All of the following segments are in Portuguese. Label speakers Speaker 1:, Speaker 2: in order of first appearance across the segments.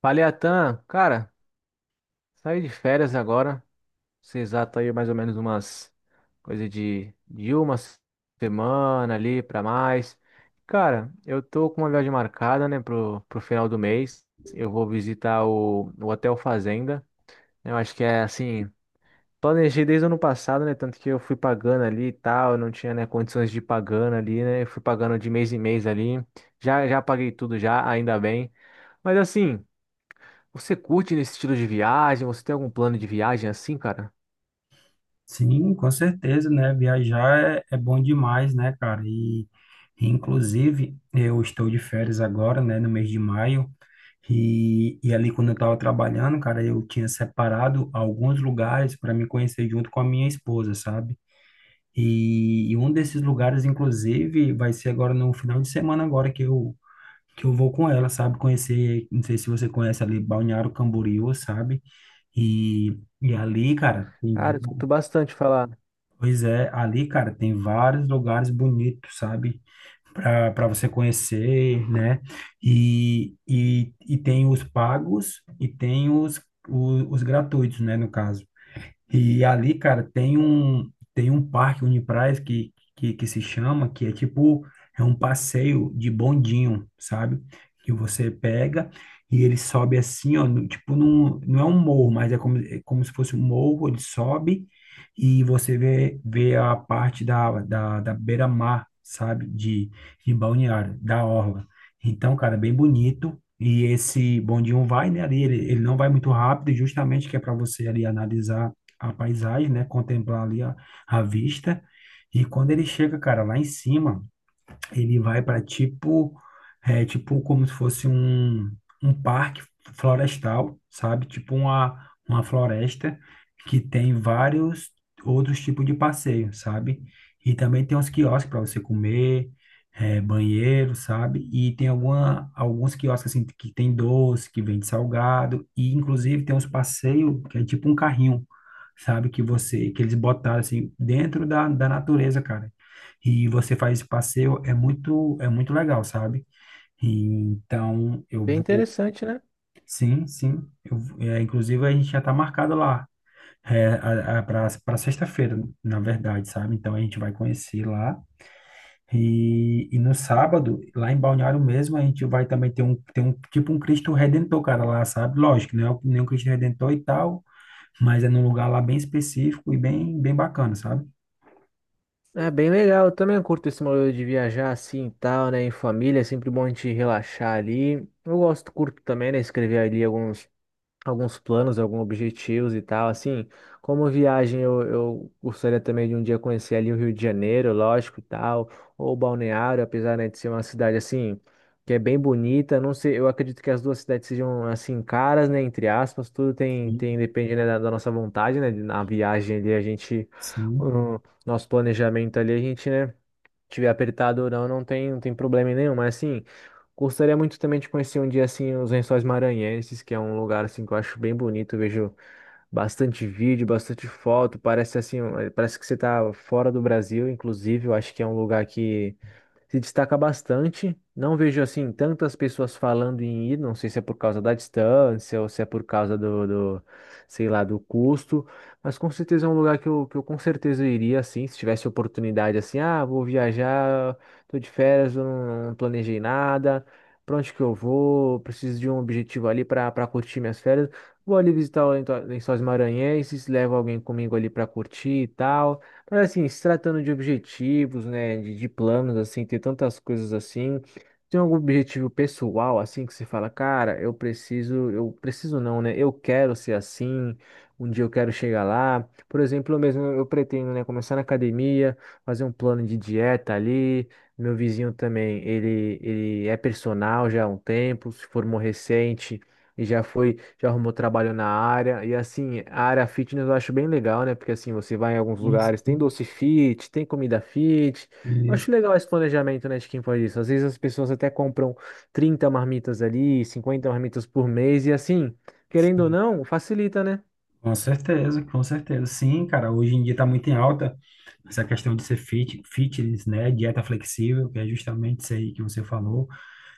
Speaker 1: Falei, Atan, cara, saí de férias agora. Se exato aí mais ou menos umas coisa de uma semana ali pra mais. Cara, eu tô com uma viagem marcada, né, pro final do mês. Eu vou visitar o Hotel Fazenda. Eu acho que é assim, planejei desde o ano passado, né, tanto que eu fui pagando ali e tal, eu não tinha, né, condições de ir pagando ali, né, eu fui pagando de mês em mês ali. Já paguei tudo já, ainda bem. Mas assim. Você curte nesse estilo de viagem? Você tem algum plano de viagem assim, cara?
Speaker 2: Sim, com certeza, né? Viajar é bom demais, né, cara? E, inclusive, eu estou de férias agora, né, no mês de maio. E ali, quando eu estava trabalhando, cara, eu tinha separado alguns lugares para me conhecer junto com a minha esposa, sabe? E um desses lugares, inclusive, vai ser agora no final de semana, agora que eu vou com ela, sabe? Conhecer, não sei se você conhece ali, Balneário Camboriú, sabe? E ali, cara, tem.
Speaker 1: Cara, eu escuto bastante falar.
Speaker 2: Pois é, ali, cara, tem vários lugares bonitos, sabe? Para você conhecer, né? E tem os pagos e tem os, os gratuitos, né? No caso. E ali, cara, tem um parque Uniprás que, que se chama, que é tipo é um passeio de bondinho, sabe? Que você pega e ele sobe assim, ó, tipo num, não é um morro, mas é como se fosse um morro, ele sobe e você vê a parte da beira-mar, sabe? De Balneário, da orla. Então, cara, é bem bonito. E esse bondinho vai, né, ali, ele não vai muito rápido, justamente que é para você ali analisar a paisagem, né? Contemplar ali a vista. E quando ele chega, cara, lá em cima. Ele vai para tipo, tipo como se fosse um, um parque florestal, sabe? Tipo uma floresta que tem vários outros tipos de passeio, sabe? E também tem uns quiosques para você comer, banheiro, sabe? E tem alguma, alguns quiosques assim que tem doce, que vende salgado, e inclusive tem uns passeios que é tipo um carrinho, sabe? Que você, que eles botaram assim dentro da natureza, cara, e você faz esse passeio, é muito legal, sabe? E, então, eu
Speaker 1: Bem
Speaker 2: vou,
Speaker 1: interessante, né?
Speaker 2: sim, sim, inclusive a gente já está marcado lá, para sexta-feira, na verdade, sabe? Então, a gente vai conhecer lá, e no sábado, lá em Balneário mesmo, a gente vai também ter um, tipo um Cristo Redentor, cara, lá, sabe? Lógico, não é nem um Cristo Redentor e tal, mas é num lugar lá bem específico e bem, bem bacana, sabe?
Speaker 1: É bem legal. Eu também curto esse modelo de viajar assim e tal, né? Em família, é sempre bom a gente relaxar ali. Eu gosto, curto também, né? Escrever ali alguns planos, alguns objetivos e tal. Assim, como viagem, eu gostaria também de um dia conhecer ali o Rio de Janeiro, lógico e tal, ou Balneário, apesar, né, de ser uma cidade assim. Que é bem bonita, não sei, eu acredito que as duas cidades sejam assim caras, né, entre aspas, tudo tem,
Speaker 2: Sim,
Speaker 1: tem depende, né, da nossa vontade, né, na viagem ali a gente,
Speaker 2: sim,
Speaker 1: o nosso planejamento ali a gente, né, tiver apertado ou não, não tem, não tem problema nenhum. Mas assim, gostaria muito também de conhecer um dia assim os Lençóis Maranhenses, que é um lugar assim que eu acho bem bonito. Eu vejo bastante vídeo, bastante foto. Parece assim, parece que você tá fora do Brasil, inclusive. Eu acho que é um lugar que se destaca bastante. Não vejo assim tantas pessoas falando em ir, não sei se é por causa da distância ou se é por causa do, sei lá, do custo, mas com certeza é um lugar que eu com certeza iria assim, se tivesse oportunidade assim, ah, vou viajar, tô de férias, eu não, não planejei nada, pra onde que eu vou, preciso de um objetivo ali para curtir minhas férias. Vou ali visitar o Lençóis Maranhenses, levo alguém comigo ali para curtir e tal. Mas assim, se tratando de objetivos, né, de planos, assim, ter tantas coisas assim, tem algum objetivo pessoal, assim, que você fala, cara, eu preciso não, né, eu quero ser assim, um dia eu quero chegar lá. Por exemplo, eu mesmo, eu pretendo, né, começar na academia, fazer um plano de dieta ali, meu vizinho também, ele é personal já há um tempo, se formou recente, e já foi, já arrumou trabalho na área. E assim, a área fitness eu acho bem legal, né? Porque assim, você vai em alguns
Speaker 2: sim,
Speaker 1: lugares, tem
Speaker 2: sim.
Speaker 1: doce fit, tem comida fit. Eu
Speaker 2: Isso.
Speaker 1: acho legal esse planejamento, né, de quem faz isso. Às vezes as pessoas até compram 30 marmitas ali, 50 marmitas por mês, e assim, querendo ou não, facilita, né?
Speaker 2: Com certeza, com certeza. Sim, cara, hoje em dia está muito em alta essa questão de ser fit, fitness, né? Dieta flexível, que é justamente isso aí que você falou,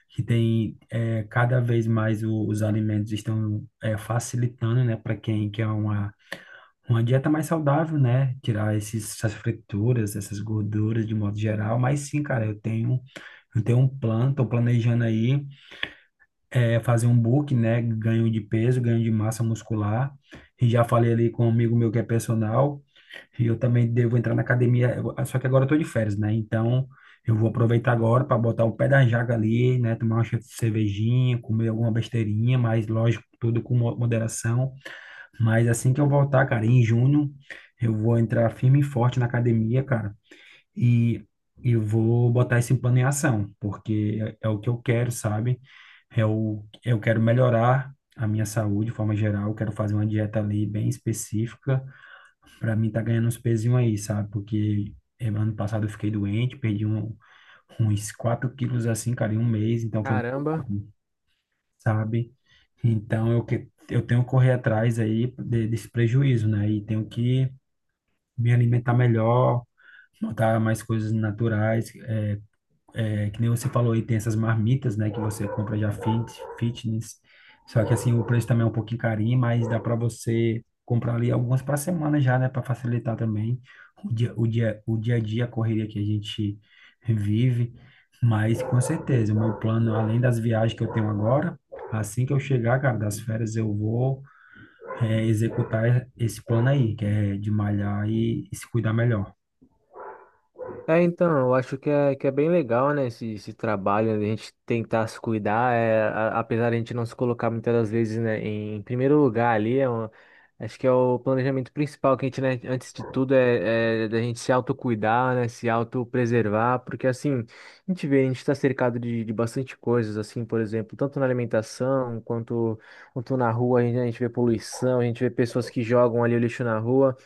Speaker 2: que tem cada vez mais os alimentos estão facilitando, né, para quem quer uma dieta mais saudável, né? Tirar esses, essas frituras, essas gorduras de modo geral. Mas sim, cara, eu tenho um plano, estou planejando aí fazer um book, né? Ganho de peso, ganho de massa muscular. E já falei ali com um amigo meu que é personal, e eu também devo entrar na academia, só que agora eu tô de férias, né? Então, eu vou aproveitar agora para botar o pé da jaca ali, né? Tomar uma cervejinha, comer alguma besteirinha, mas lógico, tudo com moderação. Mas assim que eu voltar, cara, em junho, eu vou entrar firme e forte na academia, cara, e eu vou botar esse plano em ação, porque é o que eu quero, sabe? Eu quero melhorar a minha saúde de forma geral, eu quero fazer uma dieta ali bem específica para mim tá ganhando uns pezinhos aí, sabe? Porque ano passado eu fiquei doente, uns 4 quilos assim, cara, em um mês, então foi muito
Speaker 1: Caramba.
Speaker 2: bom, sabe? Então eu tenho que correr atrás aí desse prejuízo, né? E tenho que me alimentar melhor, botar mais coisas naturais, que nem você falou aí, tem essas marmitas, né, que você compra já fit, fitness. Só que assim, o preço também é um pouquinho carinho, mas dá para você comprar ali algumas para semana já, né, para facilitar também o dia a dia, a correria que a gente vive. Mas com certeza, o meu plano, além das viagens que eu tenho agora, assim que eu chegar, cara, das férias, eu vou executar esse plano aí, que é de malhar e se cuidar melhor.
Speaker 1: É, então, eu acho que que é bem legal, né, esse trabalho, né, a gente tentar se cuidar, é, apesar de a gente não se colocar muitas das vezes, né, em primeiro lugar ali, acho que é o planejamento principal que a gente, né, antes de tudo é da gente se autocuidar, né, se autopreservar, porque assim, a gente vê, a gente está cercado de bastante coisas, assim, por exemplo, tanto na alimentação, quanto na rua, a gente vê poluição, a gente vê pessoas que jogam ali o lixo na rua,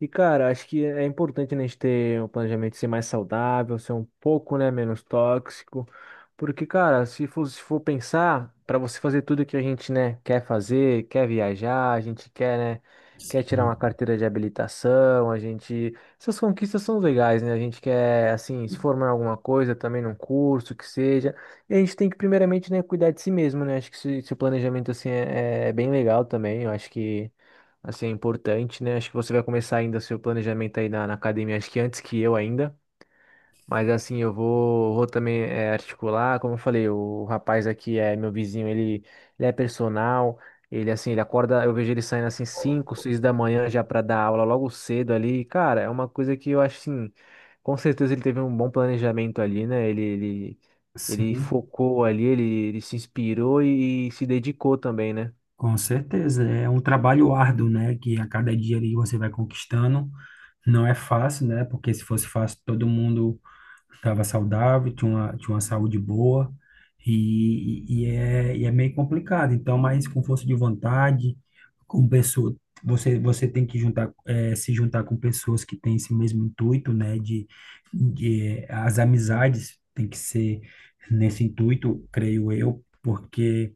Speaker 1: e, cara, acho que é importante, né, a gente ter um planejamento ser mais saudável, ser um pouco, né, menos tóxico. Porque, cara, se for, se for pensar, para você fazer tudo que a gente, né, quer fazer, quer viajar, a gente quer, né, quer tirar
Speaker 2: Sim,
Speaker 1: uma carteira de habilitação, a gente. Essas conquistas são legais, né? A gente quer, assim, se formar em alguma coisa, também num curso, que seja. E a gente tem que, primeiramente, né, cuidar de si mesmo, né? Acho que esse planejamento, assim, é bem legal também. Eu acho que. Assim, é importante, né? Acho que você vai começar ainda seu planejamento aí na academia, acho que antes que eu ainda. Mas assim, eu vou, vou também articular, como eu falei, o rapaz aqui é meu vizinho, ele é personal, ele assim, ele acorda, eu vejo ele saindo assim 5 6 da manhã já para dar aula logo cedo ali. Cara, é uma coisa que eu acho assim, com certeza ele teve um bom planejamento ali, né? Ele
Speaker 2: sim.
Speaker 1: focou ali, ele se inspirou e se dedicou também, né?
Speaker 2: Com certeza, é um trabalho árduo, né, que a cada dia ali você vai conquistando. Não é fácil, né, porque se fosse fácil todo mundo estava saudável, tinha uma saúde boa e é meio complicado. Então, mas com força de vontade, com pessoa, você tem que juntar, se juntar com pessoas que têm esse mesmo intuito, né, de as amizades tem que ser nesse intuito, creio eu, porque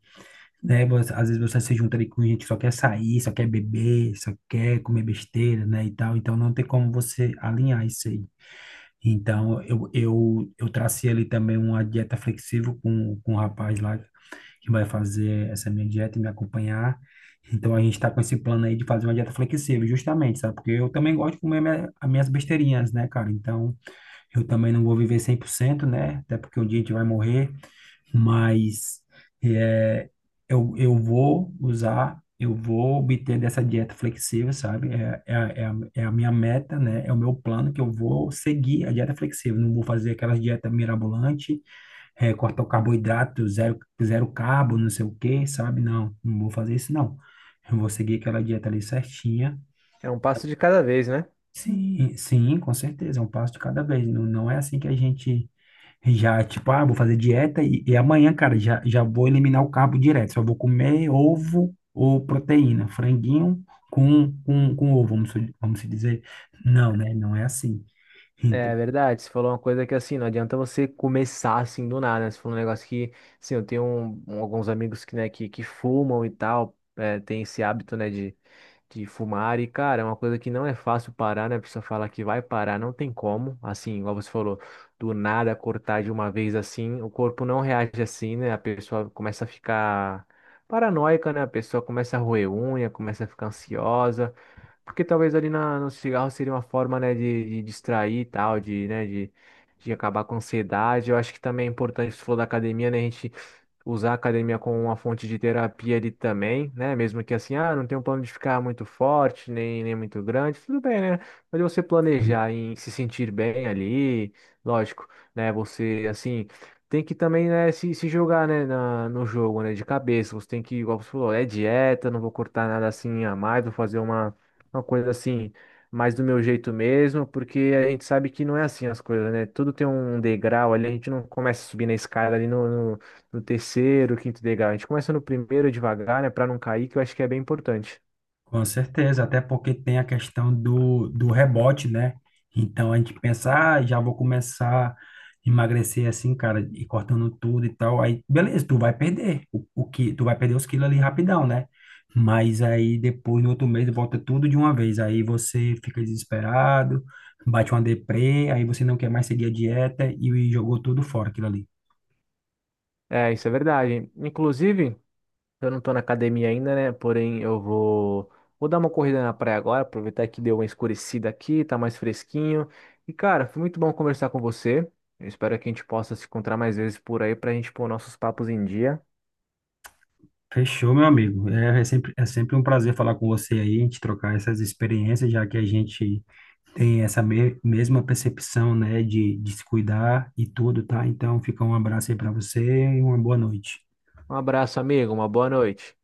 Speaker 2: né? Às vezes você se junta ali com gente que só quer sair, só quer beber, só quer comer besteira, né? E tal. Então não tem como você alinhar isso aí. Então eu tracei ali também uma dieta flexível com o rapaz lá que vai fazer essa minha dieta e me acompanhar. Então a gente está com esse plano aí de fazer uma dieta flexível, justamente, sabe? Porque eu também gosto de comer minha, as minhas besteirinhas, né, cara? Então eu também não vou viver 100%, né? Até porque um dia a gente vai morrer, mas é, eu vou usar, eu vou obter dessa dieta flexível, sabe? É a minha meta, né? É o meu plano que eu vou seguir a dieta flexível. Não vou fazer aquelas dieta mirabolante, cortar o carboidrato, zero, zero carbo, não sei o quê, sabe? Não, não vou fazer isso, não. Eu vou seguir aquela dieta ali certinha.
Speaker 1: É um passo de cada vez, né?
Speaker 2: Sim, sim, com certeza, é um passo de cada vez. Não, não é assim que a gente já, tipo, ah, vou fazer dieta e amanhã, cara, já vou eliminar o carbo direto. Só vou comer ovo ou proteína, franguinho com ovo, vamos, vamos se dizer. Não, né? Não é assim. Então,
Speaker 1: É verdade, você falou uma coisa que assim, não adianta você começar assim do nada, né? Você falou um negócio que, assim, eu tenho alguns amigos que, né, que fumam e tal, é, tem esse hábito, né, de fumar e, cara, é uma coisa que não é fácil parar, né? A pessoa fala que vai parar, não tem como, assim, igual você falou, do nada cortar de uma vez assim, o corpo não reage assim, né? A pessoa começa a ficar paranoica, né? A pessoa começa a roer unha, começa a ficar ansiosa. Porque talvez ali no cigarro seria uma forma, né, de distrair e tal, de, né, de acabar com a ansiedade. Eu acho que também é importante, você falou da academia, né, a gente usar a academia como uma fonte de terapia ali também, né? Mesmo que assim, ah, não tem um plano de ficar muito forte, nem muito grande, tudo bem, né? Mas você planejar em se sentir bem ali, lógico, né? Você, assim, tem que também, né, se jogar, né, no jogo, né, de cabeça. Você tem que, igual você falou, é dieta, não vou cortar nada assim a mais, vou fazer uma coisa assim. Mais do meu jeito mesmo, porque a gente sabe que não é assim as coisas, né? Tudo tem um degrau ali, a gente não começa a subir na escada ali no terceiro, quinto degrau. A gente começa no primeiro devagar, né, para não cair, que eu acho que é bem importante.
Speaker 2: com certeza, até porque tem a questão do rebote, né? Então a gente pensa, ah, já vou começar a emagrecer assim, cara, e cortando tudo e tal. Aí, beleza, tu vai perder o que, tu vai perder os quilos ali rapidão, né? Mas aí depois, no outro mês, volta tudo de uma vez. Aí você fica desesperado, bate uma deprê, aí você não quer mais seguir a dieta e jogou tudo fora aquilo ali.
Speaker 1: É, isso é verdade. Inclusive, eu não tô na academia ainda, né? Porém, eu vou dar uma corrida na praia agora, aproveitar que deu uma escurecida aqui, tá mais fresquinho. E cara, foi muito bom conversar com você. Eu espero que a gente possa se encontrar mais vezes por aí pra gente pôr nossos papos em dia.
Speaker 2: Fechou, meu amigo. É sempre um prazer falar com você aí, a gente trocar essas experiências, já que a gente tem essa mesma percepção, né, de se cuidar e tudo, tá? Então, fica um abraço aí para você e uma boa noite.
Speaker 1: Um abraço, amigo. Uma boa noite.